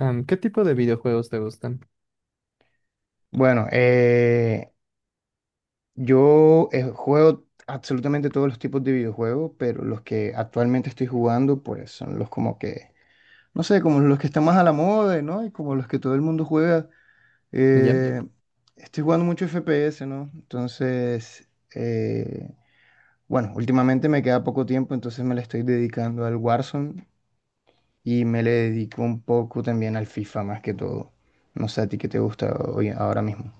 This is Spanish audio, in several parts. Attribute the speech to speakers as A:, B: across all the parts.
A: ¿Qué tipo de videojuegos te gustan?
B: Bueno, yo juego absolutamente todos los tipos de videojuegos, pero los que actualmente estoy jugando, pues son los como que, no sé, como los que están más a la moda, ¿no? Y como los que todo el mundo juega.
A: ¿Ya?
B: Eh, Estoy jugando mucho FPS, ¿no? Entonces, eh, bueno, últimamente me queda poco tiempo, entonces me le estoy dedicando al Warzone y me le dedico un poco también al FIFA más que todo. No sé a ti qué te gusta hoy, ahora mismo.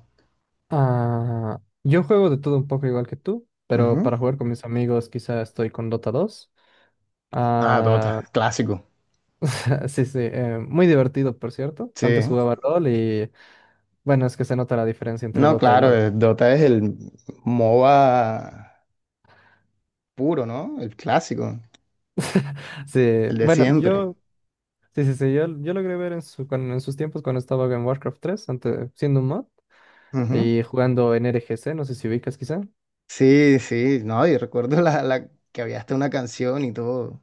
A: Yo juego de todo un poco igual que tú, pero
B: Ujú.
A: para jugar con mis amigos quizá estoy con Dota 2.
B: Ah,
A: Ah,
B: Dota, clásico.
A: sí, sí, muy divertido, por cierto. Antes
B: Sí,
A: jugaba LOL y bueno, es que se nota la diferencia entre
B: no,
A: Dota y
B: claro,
A: LOL.
B: Dota es el MOBA puro, ¿no? El clásico,
A: Sí,
B: el de
A: bueno,
B: siempre.
A: sí, sí, sí, yo logré ver en sus tiempos cuando estaba en Warcraft 3 antes, siendo un mod
B: Ujú.
A: y jugando en RGC, no sé si ubicas quizá.
B: Sí, sí, no, y recuerdo la que había hasta una canción y todo.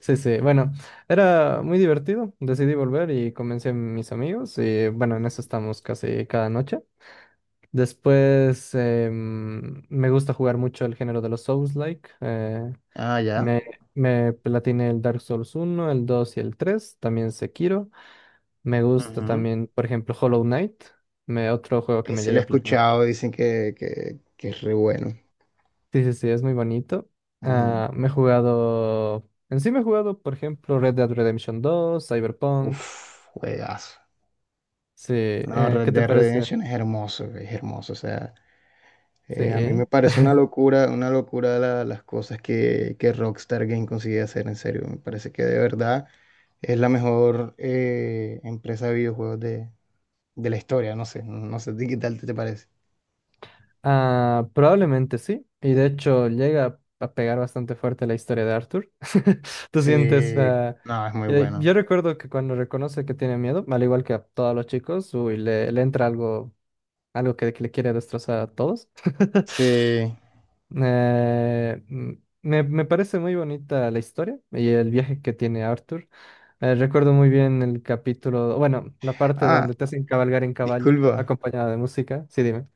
A: Sí, sí, bueno, era muy divertido. Decidí volver y convencí a mis amigos y bueno, en eso estamos casi cada noche. Después me gusta jugar mucho el género de los Souls-like.
B: Ah, ya.
A: Me, me platiné el Dark Souls uno el 2 y el 3 también Sekiro. Me gusta
B: Ujú.
A: también, por ejemplo, Hollow Knight, otro juego que me
B: Ese lo
A: llegué
B: he
A: a platinar.
B: escuchado, dicen que es re bueno.
A: Sí, sí, sí, es muy bonito.
B: Ujú.
A: En sí me he jugado, por ejemplo, Red Dead Redemption 2 Cyberpunk.
B: Uf, juegazo.
A: Sí,
B: No, Red
A: ¿qué te
B: Dead
A: pareció?
B: Redemption es hermoso, o sea. A mí me
A: Sí,
B: parece una locura las cosas que Rockstar Game consigue hacer, en serio. Me parece que de verdad es la mejor empresa de videojuegos de la historia, no sé, no sé, ¿a ti qué tal te parece?
A: probablemente sí. Y de hecho llega a pegar bastante fuerte la historia de Arthur. ¿Tú
B: Sí,
A: sientes?
B: no, es muy
A: Yo
B: bueno.
A: recuerdo que cuando reconoce que tiene miedo, al igual que a todos los chicos, uy, le entra algo, algo que le quiere destrozar a todos.
B: Sí.
A: Eh, mm, me parece muy bonita la historia y el viaje que tiene Arthur. Recuerdo muy bien el capítulo, bueno, la parte
B: Ah,
A: donde te hacen cabalgar en caballo,
B: disculpa.
A: acompañada de música. Sí, dime.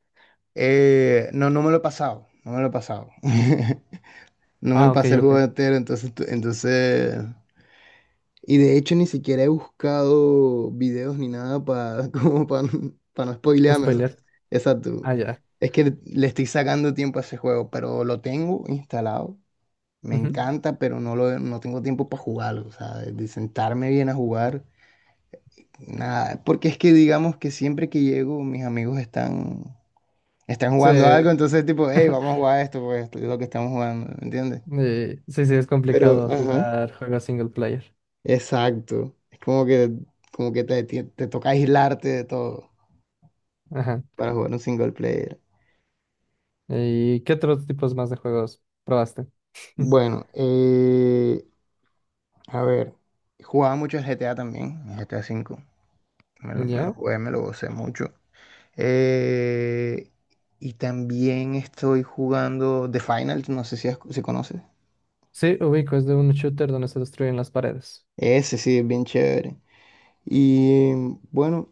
B: No, no me lo he pasado, no me lo he pasado. No me
A: Ah, ok,
B: pasé el juego
A: ok.
B: entero, entonces, entonces. Y de hecho ni siquiera he buscado videos ni nada para como para no
A: No
B: spoileármelo.
A: Spoiler.
B: Exacto.
A: Ah, ya.
B: Es que le estoy sacando tiempo a ese juego, pero lo tengo instalado. Me
A: Ujú.
B: encanta, pero no lo no tengo tiempo para jugarlo, o sea, de sentarme bien a jugar. Nada, porque es que digamos que siempre que llego mis amigos están
A: Sí,
B: jugando algo, entonces tipo, hey, vamos a jugar esto, pues esto es lo que estamos jugando, ¿entiendes?
A: sí, sí, es
B: Pero,
A: complicado
B: ajá.
A: jugar juegos single player.
B: Exacto. Es como que te toca aislarte de todo
A: Ajá.
B: para jugar un single player.
A: ¿Y qué otros tipos más de juegos probaste?
B: Bueno, a ver, jugaba mucho GTA también, GTA 5. Me lo
A: ¿Ya?
B: jugué, me lo gocé mucho. Eh, y también estoy jugando The Final, no sé si conoces.
A: Sí, ubico, es de un shooter donde se destruyen las paredes.
B: Ese sí, es bien chévere. Y bueno,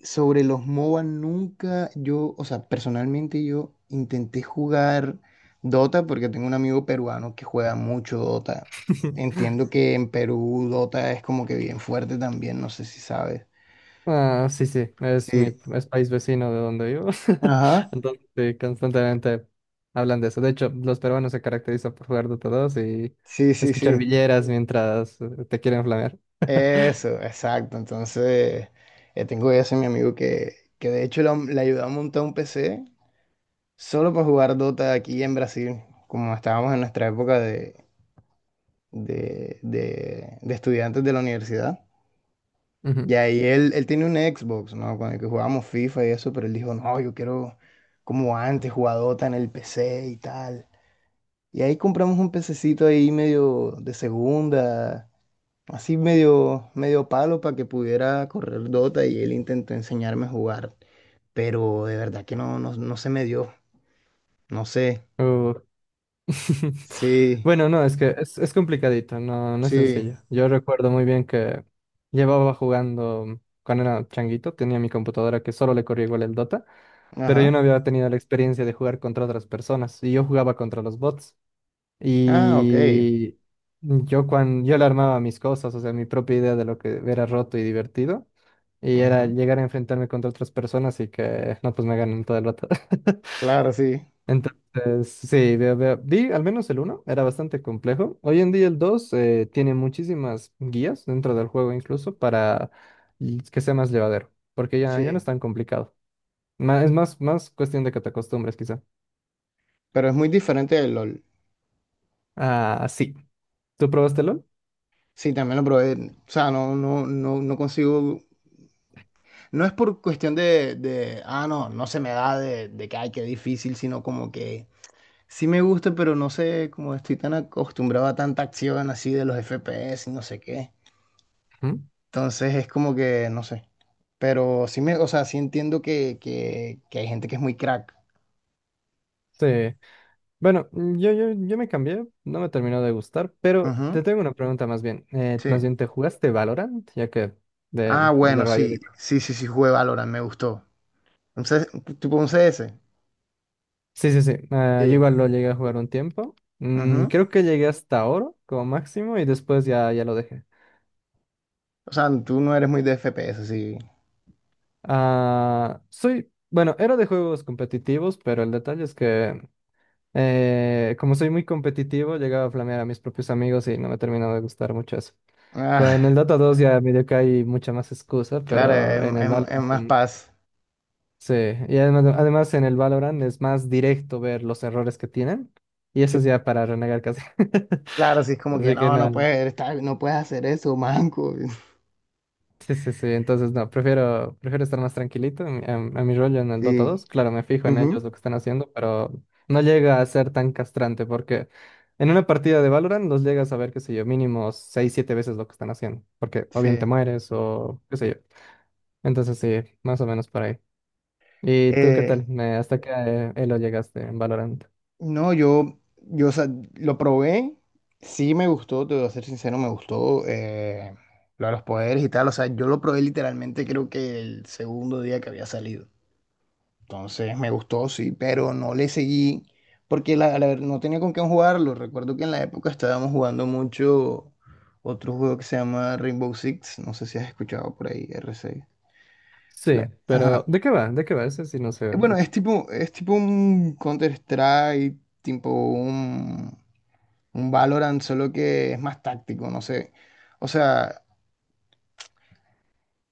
B: sobre los MOBA nunca yo, o sea, personalmente yo intenté jugar Dota porque tengo un amigo peruano que juega mucho Dota. Entiendo que en Perú Dota es como que bien fuerte también, no sé si sabes.
A: Ah, sí, sí,
B: Sí.
A: es país vecino de donde vivo.
B: Ajá.
A: Entonces, sí, constantemente hablan de eso. De hecho, los peruanos se caracterizan por jugar Dota 2 y
B: Sí, sí,
A: escuchar
B: sí.
A: villeras mientras te quieren flamear.
B: Eso, exacto. Entonces, tengo ese mi amigo que de hecho le ayudó a montar un PC solo para jugar Dota aquí en Brasil, como estábamos en nuestra época de estudiantes de la universidad. Y
A: Ujú.
B: ahí él tiene un Xbox, ¿no? Con el que jugábamos FIFA y eso, pero él dijo, no, yo quiero como antes, jugadota en el PC y tal. Y ahí compramos un pececito ahí medio de segunda, así medio, medio palo para que pudiera correr Dota y él intentó enseñarme a jugar. Pero de verdad que no, no, no se me dio. No sé.
A: Uh.
B: Sí,
A: Bueno, no, es que es complicadito, no, no es
B: sí.
A: sencillo. Yo recuerdo muy bien que llevaba jugando cuando era changuito, tenía mi computadora que solo le corría igual el Dota, pero yo
B: Ajá.
A: no había tenido la experiencia de jugar contra otras personas y yo jugaba contra los bots.
B: Ah, ok.
A: Y yo cuando yo le armaba mis cosas, o sea, mi propia idea de lo que era roto y divertido, y era
B: Ajá.
A: llegar a enfrentarme contra otras personas y que no, pues me ganen todo el rato.
B: Claro, sí.
A: Entonces, sí, vi al menos el uno era bastante complejo. Hoy en día el 2 tiene muchísimas guías dentro del juego incluso que sea más llevadero, porque ya, ya no es
B: Sí.
A: tan complicado. Es más, más cuestión de que te acostumbres quizá.
B: Pero es muy diferente del LOL.
A: Ah, sí. ¿Tú probaste LOL?
B: Sí, también lo probé. O sea, no, no, no, no consigo. No es por cuestión no, no se me da de que, ay, qué difícil, sino como que sí me gusta, pero no sé, como estoy tan acostumbrado a tanta acción así de los FPS y no sé qué.
A: Ujú.
B: Entonces es como que, no sé. Pero sí me, o sea, sí entiendo que hay gente que es muy crack.
A: Sí. Bueno, yo me cambié, no me terminó de gustar, pero
B: Ujú,
A: te tengo una pregunta más bien. Más
B: sí.
A: bien, ¿te jugaste Valorant? Ya que
B: Ah,
A: es de
B: bueno,
A: Rayo
B: sí,
A: Digo.
B: sí, sí, sí, jugué Valorant, me gustó. Entonces tipo un CS.
A: Sí, sí, sí. Yo
B: Sí.
A: igual lo llegué a jugar un tiempo.
B: Ujú.
A: Creo que llegué hasta oro como máximo y después ya, ya lo dejé.
B: O sea, tú no eres muy de FPS, sí.
A: Bueno, era de juegos competitivos, pero el detalle es que como soy muy competitivo, llegaba a flamear a mis propios amigos y no me terminó de gustar mucho eso.
B: Ah,
A: Con el Dota 2 ya medio que hay mucha más excusa,
B: claro,
A: pero
B: es,
A: en el
B: es- es más
A: Valorant,
B: paz.
A: sí, y además, además en el Valorant es más directo ver los errores que tienen. Y
B: Sí,
A: eso es ya para renegar casi.
B: claro, sí, es como que
A: Así que
B: no, no
A: nada.
B: puedes estar, no puedes hacer eso, manco.
A: Sí, sí, sí. Entonces, no, prefiero estar más tranquilito a mi rollo en el Dota
B: Sí.
A: dos Claro, me fijo en ellos
B: Ujú,
A: lo que están haciendo, pero no llega a ser tan castrante porque en una partida de Valorant los llegas a ver, qué sé yo, mínimo 6 7 veces lo que están haciendo. Porque o
B: sí.
A: bien te mueres o qué sé yo. Entonces, sí, más o menos por ahí. ¿Y tú qué
B: Eh,
A: tal? ¿Hasta qué elo llegaste en Valorant?
B: no, yo, o sea, lo probé, sí me gustó, te voy a ser sincero, me gustó lo de los poderes y tal. O sea, yo lo probé literalmente creo que el segundo día que había salido. Entonces me gustó, sí, pero no le seguí porque no tenía con quién jugarlo. Recuerdo que en la época estábamos jugando mucho otro juego que se llama Rainbow Six. No sé si has escuchado por ahí, R6.
A: Sí, pero
B: Ajá.
A: ¿de qué va? ¿De qué va? Ese sí no se ve
B: Bueno, es
A: mucho.
B: tipo, es tipo un Counter-Strike, tipo un Valorant, solo que es más táctico, no sé. O sea,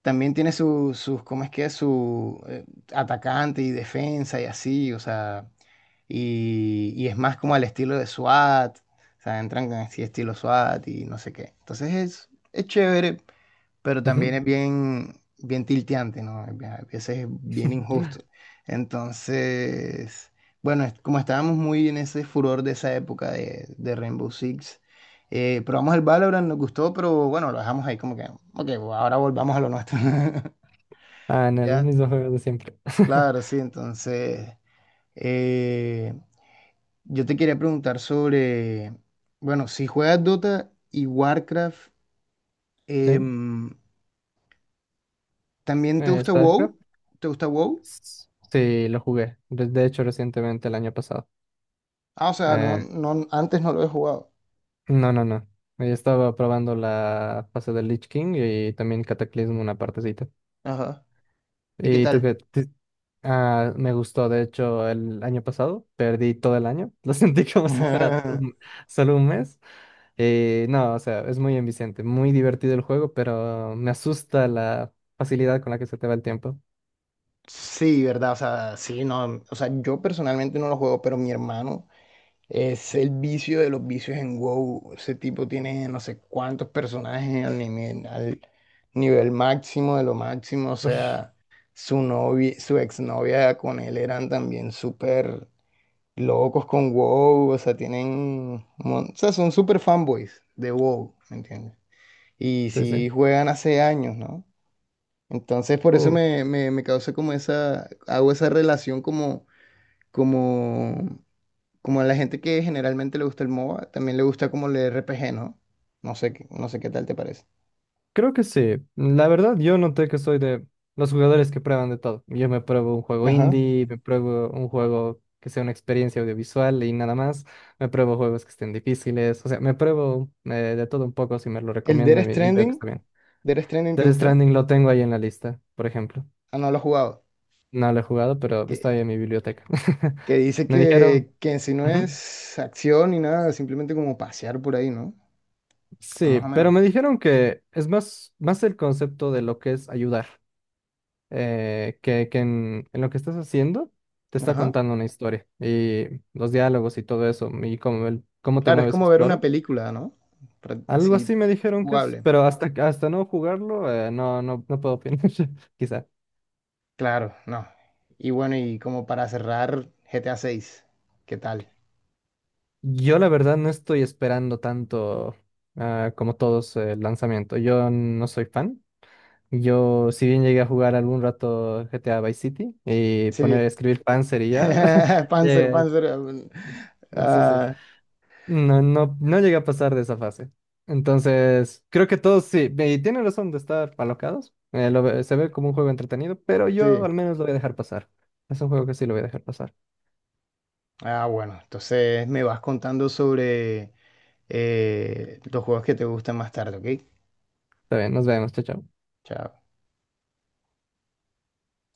B: también tiene sus, ¿cómo es que? ¿Es? Su atacante y defensa y así, o sea, y es más como al estilo de SWAT, o sea, entran con así estilo SWAT y no sé qué. Entonces es chévere, pero también
A: Ujú.
B: es bien, bien tilteante, ¿no? Es a veces es bien injusto. Entonces, bueno, como estábamos muy en ese furor de esa época de Rainbow Six, probamos el Valorant, nos gustó, pero bueno, lo dejamos ahí como que, ok, ahora volvamos a lo nuestro.
A: Ah, en el
B: Ya,
A: mismo juego de siempre.
B: claro, sí, entonces, eh, yo te quería preguntar sobre, bueno, si juegas Dota y Warcraft,
A: Sí,
B: em, ¿también te gusta
A: StarCraft.
B: WoW? ¿Te gusta WoW?
A: Sí, lo jugué. De hecho, recientemente, el año pasado.
B: Ah, o sea, no,
A: Eh,
B: no, antes no lo he jugado.
A: no, no, no. Estaba probando la fase del Lich King y también Cataclismo una partecita.
B: Ajá. ¿Y qué
A: ¿Y tú
B: tal?
A: qué? Ah, me gustó, de hecho, el año pasado. Perdí todo el año. Lo sentí como si fuera solo un mes. No, o sea, es muy enviciante, muy divertido el juego, pero me asusta la facilidad con la que se te va el tiempo.
B: Sí, ¿verdad? O sea, sí, no. O sea, yo personalmente no lo juego, pero mi hermano es el vicio de los vicios en WoW. Ese tipo tiene no sé cuántos personajes al nivel máximo de lo máximo. O
A: Ush,
B: sea, su novia, su exnovia con él eran también súper locos con WoW. O sea, son súper fanboys de WoW, ¿me entiendes? Y
A: sí, sí.
B: sí juegan hace años, ¿no? Entonces por eso
A: Uh,
B: me causa como esa, hago esa relación como, como a la gente que generalmente le gusta el MOBA, también le gusta como el RPG, ¿no? No sé, no sé qué tal te parece.
A: Creo que sí. La verdad, yo noté que soy de los jugadores que prueban de todo. Yo me pruebo un juego
B: Ajá.
A: indie, me pruebo un juego que sea una experiencia audiovisual y nada más. Me pruebo juegos que estén difíciles. O sea, me pruebo de todo un poco si me lo
B: El Death
A: recomiendan y veo que
B: Stranding,
A: está bien.
B: Death Stranding, ¿te
A: Death
B: gustó?
A: Stranding lo tengo ahí en la lista, por ejemplo.
B: Ah, no lo has jugado.
A: No lo he jugado, pero
B: Que,
A: está ahí en mi biblioteca.
B: que dice
A: Me dijeron.
B: que en sí no
A: Ujú.
B: es acción ni nada, simplemente como pasear por ahí, ¿no?
A: Sí,
B: Más o
A: pero
B: menos.
A: me dijeron que es más, más el concepto de lo que es ayudar, que en lo que estás haciendo te está
B: Ajá.
A: contando una historia y los diálogos y todo eso, y cómo, cómo te
B: Claro, es
A: mueves,
B: como ver una
A: exploras.
B: película, ¿no?
A: Algo
B: Así
A: así me dijeron que es,
B: jugable.
A: pero hasta no jugarlo, no, no, no puedo opinar, quizá.
B: Claro, no. Y bueno, como para cerrar, GTA 6, ¿qué tal?
A: Yo la verdad no estoy esperando tanto como todos el lanzamiento. Yo no soy fan. Yo, si bien llegué a jugar algún rato GTA Vice City y poner a
B: Sí.
A: escribir Panzer y ya,
B: Panzer,
A: eh,
B: Panzer.
A: sí, sí.
B: Ah,
A: No, no, no llegué a pasar de esa fase. Entonces, creo que todos sí, y tienen razón de estar alocados. Se ve como un juego entretenido, pero yo
B: sí.
A: al menos lo voy a dejar pasar. Es un juego que sí lo voy a dejar pasar.
B: Ah, bueno, entonces me vas contando sobre los juegos que te gustan más tarde, ¿ok?
A: Está bien, nos vemos, chao, chao.
B: Chao.